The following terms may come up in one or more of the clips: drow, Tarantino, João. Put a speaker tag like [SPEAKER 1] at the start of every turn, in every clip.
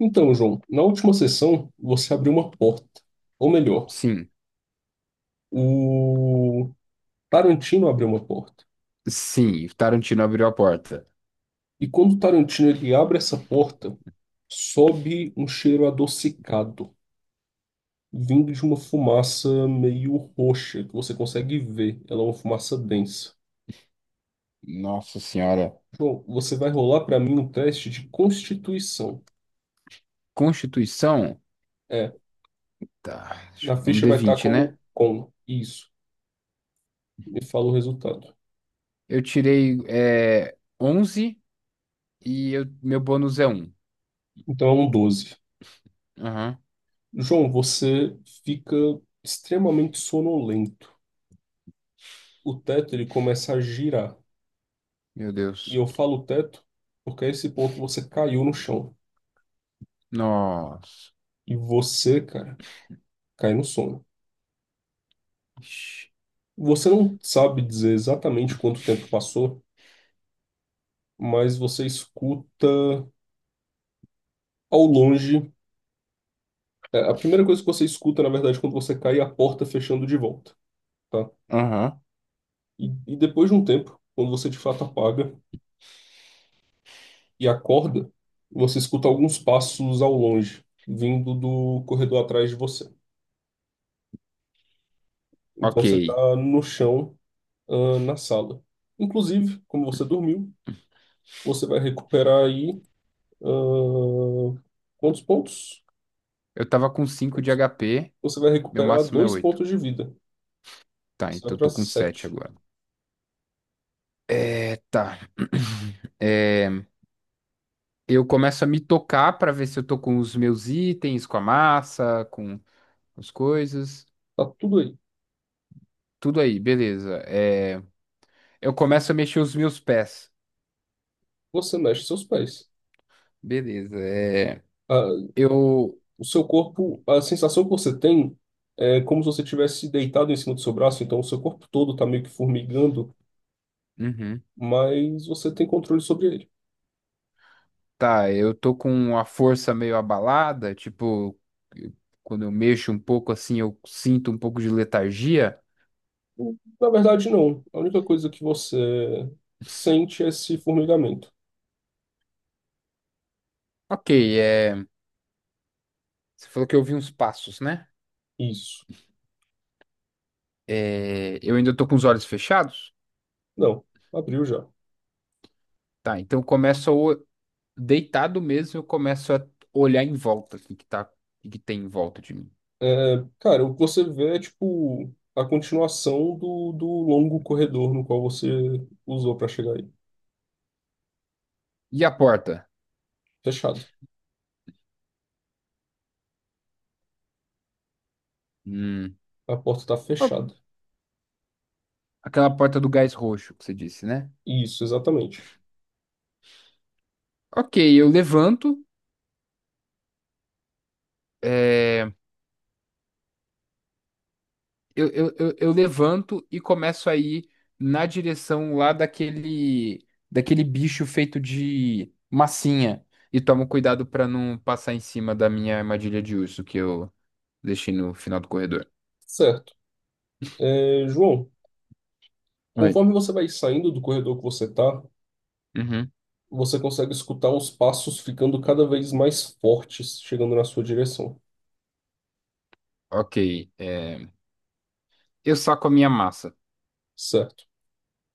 [SPEAKER 1] Então, João, na última sessão você abriu uma porta. Ou melhor,
[SPEAKER 2] Sim,
[SPEAKER 1] o Tarantino abriu uma porta.
[SPEAKER 2] sim, Tarantino abriu a porta.
[SPEAKER 1] E quando o Tarantino ele abre essa porta, sobe um cheiro adocicado, vindo de uma fumaça meio roxa, que você consegue ver. Ela é uma fumaça densa.
[SPEAKER 2] Nossa Senhora.
[SPEAKER 1] João, você vai rolar para mim um teste de constituição.
[SPEAKER 2] Constituição?
[SPEAKER 1] É,
[SPEAKER 2] Tá,
[SPEAKER 1] na
[SPEAKER 2] deixa eu ver, é um
[SPEAKER 1] ficha
[SPEAKER 2] d
[SPEAKER 1] vai estar
[SPEAKER 2] vinte né?
[SPEAKER 1] como com. Isso. Me fala o resultado.
[SPEAKER 2] Eu tirei 11, e meu bônus é um.
[SPEAKER 1] Então é um 12.
[SPEAKER 2] Aham.
[SPEAKER 1] João, você fica extremamente sonolento. O teto ele começa a girar.
[SPEAKER 2] Meu
[SPEAKER 1] E
[SPEAKER 2] Deus.
[SPEAKER 1] eu falo teto porque a esse ponto você caiu no chão.
[SPEAKER 2] Nossa.
[SPEAKER 1] E você, cara, cai no sono.
[SPEAKER 2] Ixi.
[SPEAKER 1] Você não sabe dizer exatamente quanto tempo passou, mas você escuta ao longe. A primeira coisa que você escuta, na verdade, quando você cai é a porta fechando de volta, tá?
[SPEAKER 2] Aham,
[SPEAKER 1] E depois de um tempo, quando você de fato apaga, e acorda, você escuta alguns passos ao longe, vindo do corredor atrás de você. Então
[SPEAKER 2] ok.
[SPEAKER 1] você está no chão, na sala. Inclusive, como você dormiu, você vai recuperar aí, ah, quantos pontos?
[SPEAKER 2] Eu tava com 5 de
[SPEAKER 1] Pontos.
[SPEAKER 2] HP,
[SPEAKER 1] Você vai
[SPEAKER 2] meu
[SPEAKER 1] recuperar
[SPEAKER 2] máximo é
[SPEAKER 1] dois
[SPEAKER 2] oito.
[SPEAKER 1] pontos de vida.
[SPEAKER 2] Tá,
[SPEAKER 1] Você vai
[SPEAKER 2] então eu
[SPEAKER 1] para
[SPEAKER 2] tô com sete
[SPEAKER 1] sete.
[SPEAKER 2] agora. É, tá. É, eu começo a me tocar pra ver se eu tô com os meus itens, com a massa, com as coisas.
[SPEAKER 1] Tá tudo aí.
[SPEAKER 2] Tudo aí, beleza. É, eu começo a mexer os meus pés.
[SPEAKER 1] Você mexe seus pés.
[SPEAKER 2] Beleza. É,
[SPEAKER 1] Ah,
[SPEAKER 2] eu.
[SPEAKER 1] o seu corpo, a sensação que você tem é como se você tivesse deitado em cima do seu braço, então o seu corpo todo está meio que formigando,
[SPEAKER 2] Uhum.
[SPEAKER 1] mas você tem controle sobre ele.
[SPEAKER 2] Tá, eu tô com a força meio abalada, tipo, eu- quando eu mexo um pouco assim, eu sinto um pouco de letargia.
[SPEAKER 1] Na verdade, não. A única coisa que você sente é esse formigamento.
[SPEAKER 2] Ok, é, você falou que eu ouvi uns passos, né?
[SPEAKER 1] Isso.
[SPEAKER 2] É, eu ainda tô com os olhos fechados,
[SPEAKER 1] Não, abriu já.
[SPEAKER 2] tá? Então eu começo a deitado mesmo, eu começo a olhar em volta, assim, que tá, o que tem em volta de mim.
[SPEAKER 1] É, cara, o que você vê é tipo a continuação do longo corredor no qual você usou para chegar aí.
[SPEAKER 2] E a porta?
[SPEAKER 1] Fechado.
[SPEAKER 2] Hum,
[SPEAKER 1] A porta tá
[SPEAKER 2] ó,
[SPEAKER 1] fechada.
[SPEAKER 2] aquela porta do gás roxo que você disse, né?
[SPEAKER 1] Isso, exatamente.
[SPEAKER 2] Ok, eu levanto, é, eu levanto e começo a ir na direção lá daquele bicho feito de massinha. E tomo cuidado pra não passar em cima da minha armadilha de urso que eu deixei no final do corredor.
[SPEAKER 1] Certo. É, João,
[SPEAKER 2] Oi.
[SPEAKER 1] conforme você vai saindo do corredor que você tá,
[SPEAKER 2] Uhum.
[SPEAKER 1] você consegue escutar os passos ficando cada vez mais fortes chegando na sua direção.
[SPEAKER 2] Ok, é, eu saco a minha massa.
[SPEAKER 1] Certo.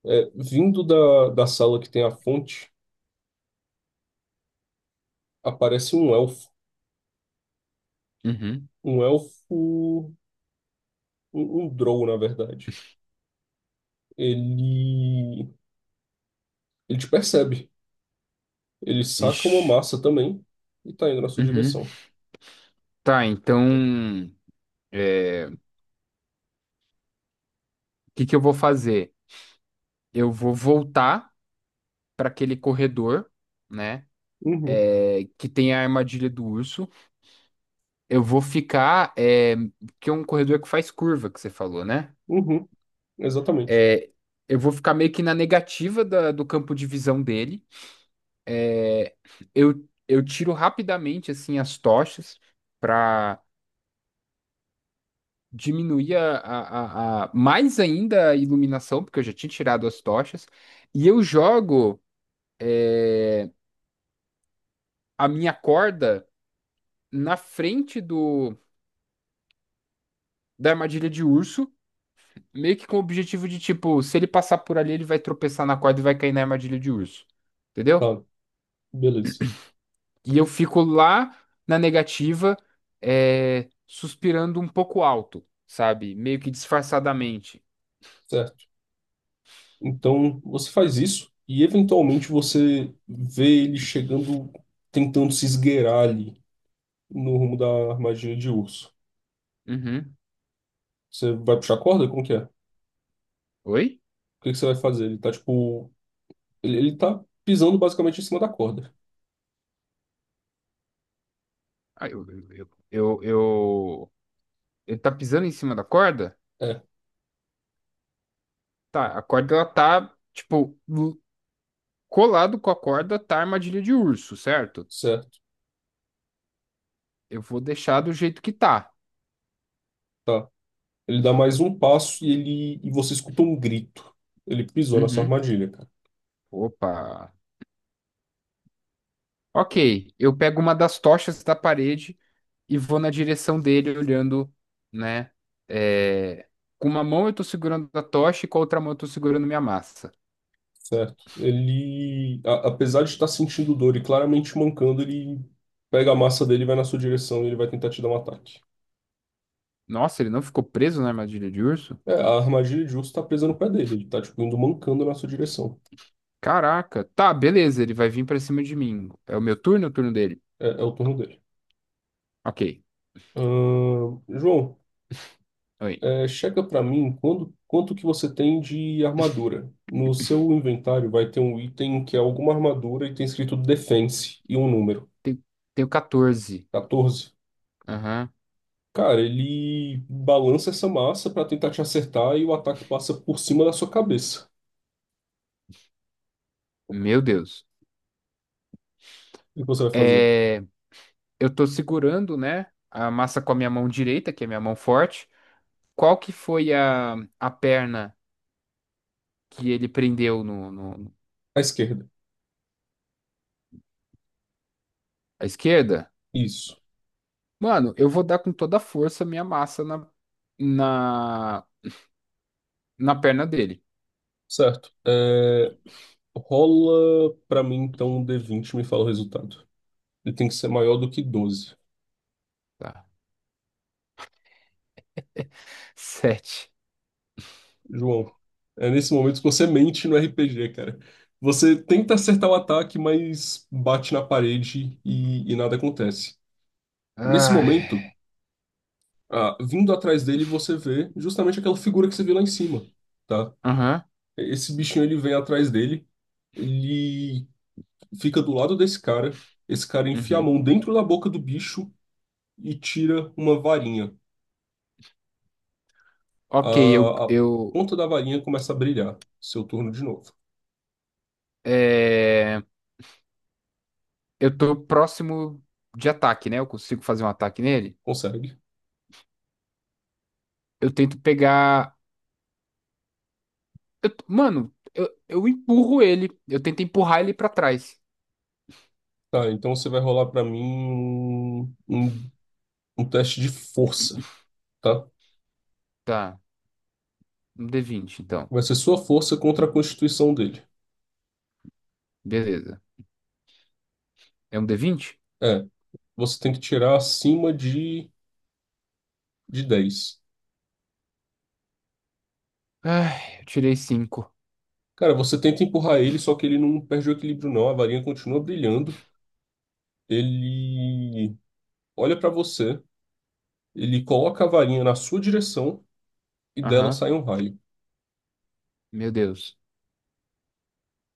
[SPEAKER 1] É, vindo da sala que tem a fonte, aparece um elfo.
[SPEAKER 2] Uhum.
[SPEAKER 1] Um elfo. Um drow, na verdade. Ele. Ele te percebe. Ele saca uma
[SPEAKER 2] Ixi.
[SPEAKER 1] massa também e tá indo na sua
[SPEAKER 2] Uhum.
[SPEAKER 1] direção.
[SPEAKER 2] Tá, então, é, o que que eu vou fazer? Eu vou voltar para aquele corredor, né?
[SPEAKER 1] Uhum,
[SPEAKER 2] É, que tem a armadilha do urso. Eu vou ficar, é... que é um corredor que faz curva, que você falou, né?
[SPEAKER 1] uhum, exatamente.
[SPEAKER 2] É... Eu vou ficar meio que na negativa do campo de visão dele. É, eu tiro rapidamente assim as tochas. Diminuía mais ainda a iluminação, porque eu já tinha tirado as tochas, e eu jogo a minha corda na frente do da armadilha de urso, meio que com o objetivo de, tipo, se ele passar por ali, ele vai tropeçar na corda e vai cair na armadilha de urso, entendeu?
[SPEAKER 1] Tá, beleza.
[SPEAKER 2] E eu fico lá na negativa, é, suspirando um pouco alto, sabe? Meio que disfarçadamente.
[SPEAKER 1] Certo. Então você faz isso e eventualmente você vê ele chegando, tentando se esgueirar ali no rumo da armadilha de urso.
[SPEAKER 2] Uhum.
[SPEAKER 1] Você vai puxar a corda? Como que é?
[SPEAKER 2] Oi?
[SPEAKER 1] O que que você vai fazer? Ele tá, tipo. Ele tá pisando basicamente em cima da corda.
[SPEAKER 2] Ah, ele tá pisando em cima da corda?
[SPEAKER 1] É,
[SPEAKER 2] Tá, a corda, ela tá, tipo, colado com a corda tá a armadilha de urso, certo?
[SPEAKER 1] certo,
[SPEAKER 2] Eu vou deixar do jeito que tá.
[SPEAKER 1] tá. Ele dá mais um passo e ele. E você escuta um grito. Ele pisou na sua
[SPEAKER 2] Uhum.
[SPEAKER 1] armadilha, cara.
[SPEAKER 2] Opa. Ok, eu pego uma das tochas da parede e vou na direção dele, olhando, né? É, com uma mão eu tô segurando a tocha e com a outra mão eu tô segurando minha massa.
[SPEAKER 1] Certo. Apesar de estar sentindo dor e claramente mancando, ele pega a massa dele, e vai na sua direção e ele vai tentar te dar um ataque.
[SPEAKER 2] Nossa, ele não ficou preso na armadilha de urso?
[SPEAKER 1] É, a armadilha de urso tá presa no pé dele. Ele tá, tipo, indo mancando na sua direção.
[SPEAKER 2] Caraca. Tá, beleza, ele vai vir pra cima de mim. É o meu turno, ou é o turno dele?
[SPEAKER 1] É, é o turno dele.
[SPEAKER 2] Ok.
[SPEAKER 1] João,
[SPEAKER 2] Oi.
[SPEAKER 1] chega para mim quanto que você tem de armadura. No seu inventário vai ter um item que é alguma armadura e tem escrito Defense e um número,
[SPEAKER 2] Tem tenho 14.
[SPEAKER 1] 14.
[SPEAKER 2] Aham.
[SPEAKER 1] Cara, ele balança essa massa para tentar te acertar e o ataque passa por cima da sua cabeça.
[SPEAKER 2] Meu Deus.
[SPEAKER 1] O que você vai fazer?
[SPEAKER 2] É, eu tô segurando, né, a massa com a minha mão direita, que é a minha mão forte. Qual que foi a perna que ele prendeu
[SPEAKER 1] À esquerda.
[SPEAKER 2] à esquerda?
[SPEAKER 1] Isso.
[SPEAKER 2] Mano, eu vou dar com toda a força a minha massa na, na perna dele.
[SPEAKER 1] Certo. É, rola para mim então um D20 e me fala o resultado. Ele tem que ser maior do que 12.
[SPEAKER 2] Tá. 7.
[SPEAKER 1] João, é nesse momento que você mente no RPG, cara. Você tenta acertar o ataque, mas bate na parede e nada acontece. Nesse momento,
[SPEAKER 2] Ai.
[SPEAKER 1] vindo atrás dele, você vê justamente aquela figura que você viu lá em cima, tá?
[SPEAKER 2] Aham.
[SPEAKER 1] Esse bichinho, ele vem atrás dele, ele fica do lado desse cara, esse cara enfia a
[SPEAKER 2] Uhum.
[SPEAKER 1] mão dentro da boca do bicho e tira uma varinha.
[SPEAKER 2] Ok,
[SPEAKER 1] A ponta da varinha começa a brilhar. Seu turno de novo.
[SPEAKER 2] é, eu tô próximo de ataque, né? Eu consigo fazer um ataque nele.
[SPEAKER 1] Consegue?
[SPEAKER 2] Eu tento pegar Eu- mano, eu empurro ele. Eu tento empurrar ele pra trás.
[SPEAKER 1] Tá, então você vai rolar pra mim um, um teste de força, tá?
[SPEAKER 2] Tá. Um D20, então.
[SPEAKER 1] Vai ser sua força contra a constituição dele.
[SPEAKER 2] Beleza. É um D20?
[SPEAKER 1] É, você tem que tirar acima de dez.
[SPEAKER 2] Ai, eu tirei 5.
[SPEAKER 1] Cara, você tenta empurrar ele, só que ele não perde o equilíbrio, não. A varinha continua brilhando. Ele olha pra você, ele coloca a varinha na sua direção e dela
[SPEAKER 2] Aham.
[SPEAKER 1] sai um raio.
[SPEAKER 2] Meu Deus.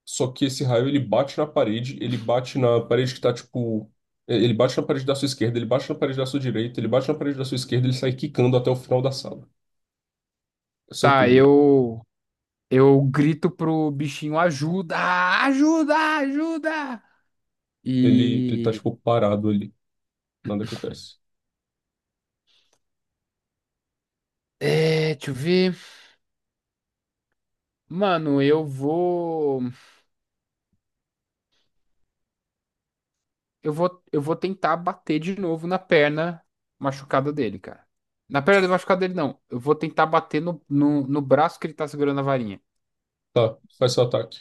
[SPEAKER 1] Só que esse raio ele bate na parede, ele bate na parede que tá tipo. Ele bate na parede da sua esquerda, ele bate na parede da sua direita, ele bate na parede da sua esquerda, ele sai quicando até o final da sala. É seu
[SPEAKER 2] Tá,
[SPEAKER 1] turno.
[SPEAKER 2] eu. Eu grito pro bichinho: ajuda! Ajuda! Ajuda!
[SPEAKER 1] Ele tá
[SPEAKER 2] E.
[SPEAKER 1] tipo parado ali. Nada acontece.
[SPEAKER 2] É, deixa eu ver. Mano, eu vou. Eu vou tentar bater de novo na perna machucada dele, cara. Na perna machucada dele, não. Eu vou tentar bater no braço que ele tá segurando a varinha.
[SPEAKER 1] Tá, faz seu ataque.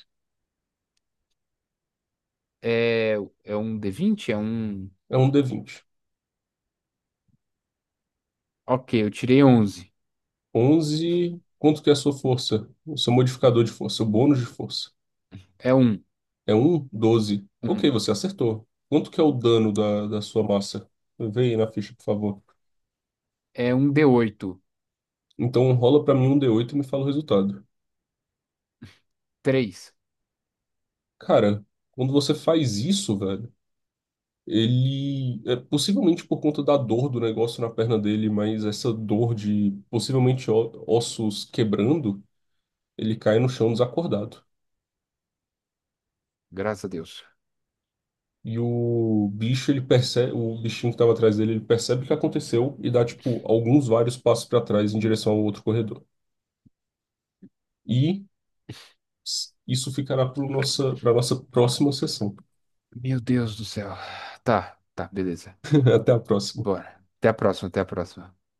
[SPEAKER 2] É, é um D20.
[SPEAKER 1] É um D20.
[SPEAKER 2] Ok, eu tirei 11.
[SPEAKER 1] 11. Quanto que é a sua força? O seu modificador de força, o bônus de força.
[SPEAKER 2] É um.
[SPEAKER 1] É um 12. Ok,
[SPEAKER 2] Um.
[SPEAKER 1] você acertou. Quanto que é o dano da sua massa? Vê aí na ficha, por favor.
[SPEAKER 2] É um D8.
[SPEAKER 1] Então rola pra mim um D8 e me fala o resultado.
[SPEAKER 2] 3.
[SPEAKER 1] Cara, quando você faz isso, velho, ele é possivelmente por conta da dor do negócio na perna dele, mas essa dor de possivelmente ossos quebrando, ele cai no chão desacordado.
[SPEAKER 2] Graças a Deus.
[SPEAKER 1] E o bicho, ele percebe, o bichinho que estava atrás dele, ele percebe o que aconteceu e dá tipo alguns vários passos para trás em direção ao outro corredor. E isso ficará para nossa próxima sessão.
[SPEAKER 2] Meu Deus do céu. Tá, tá, beleza.
[SPEAKER 1] Até a próxima.
[SPEAKER 2] Bora. Até a próxima, até a próxima.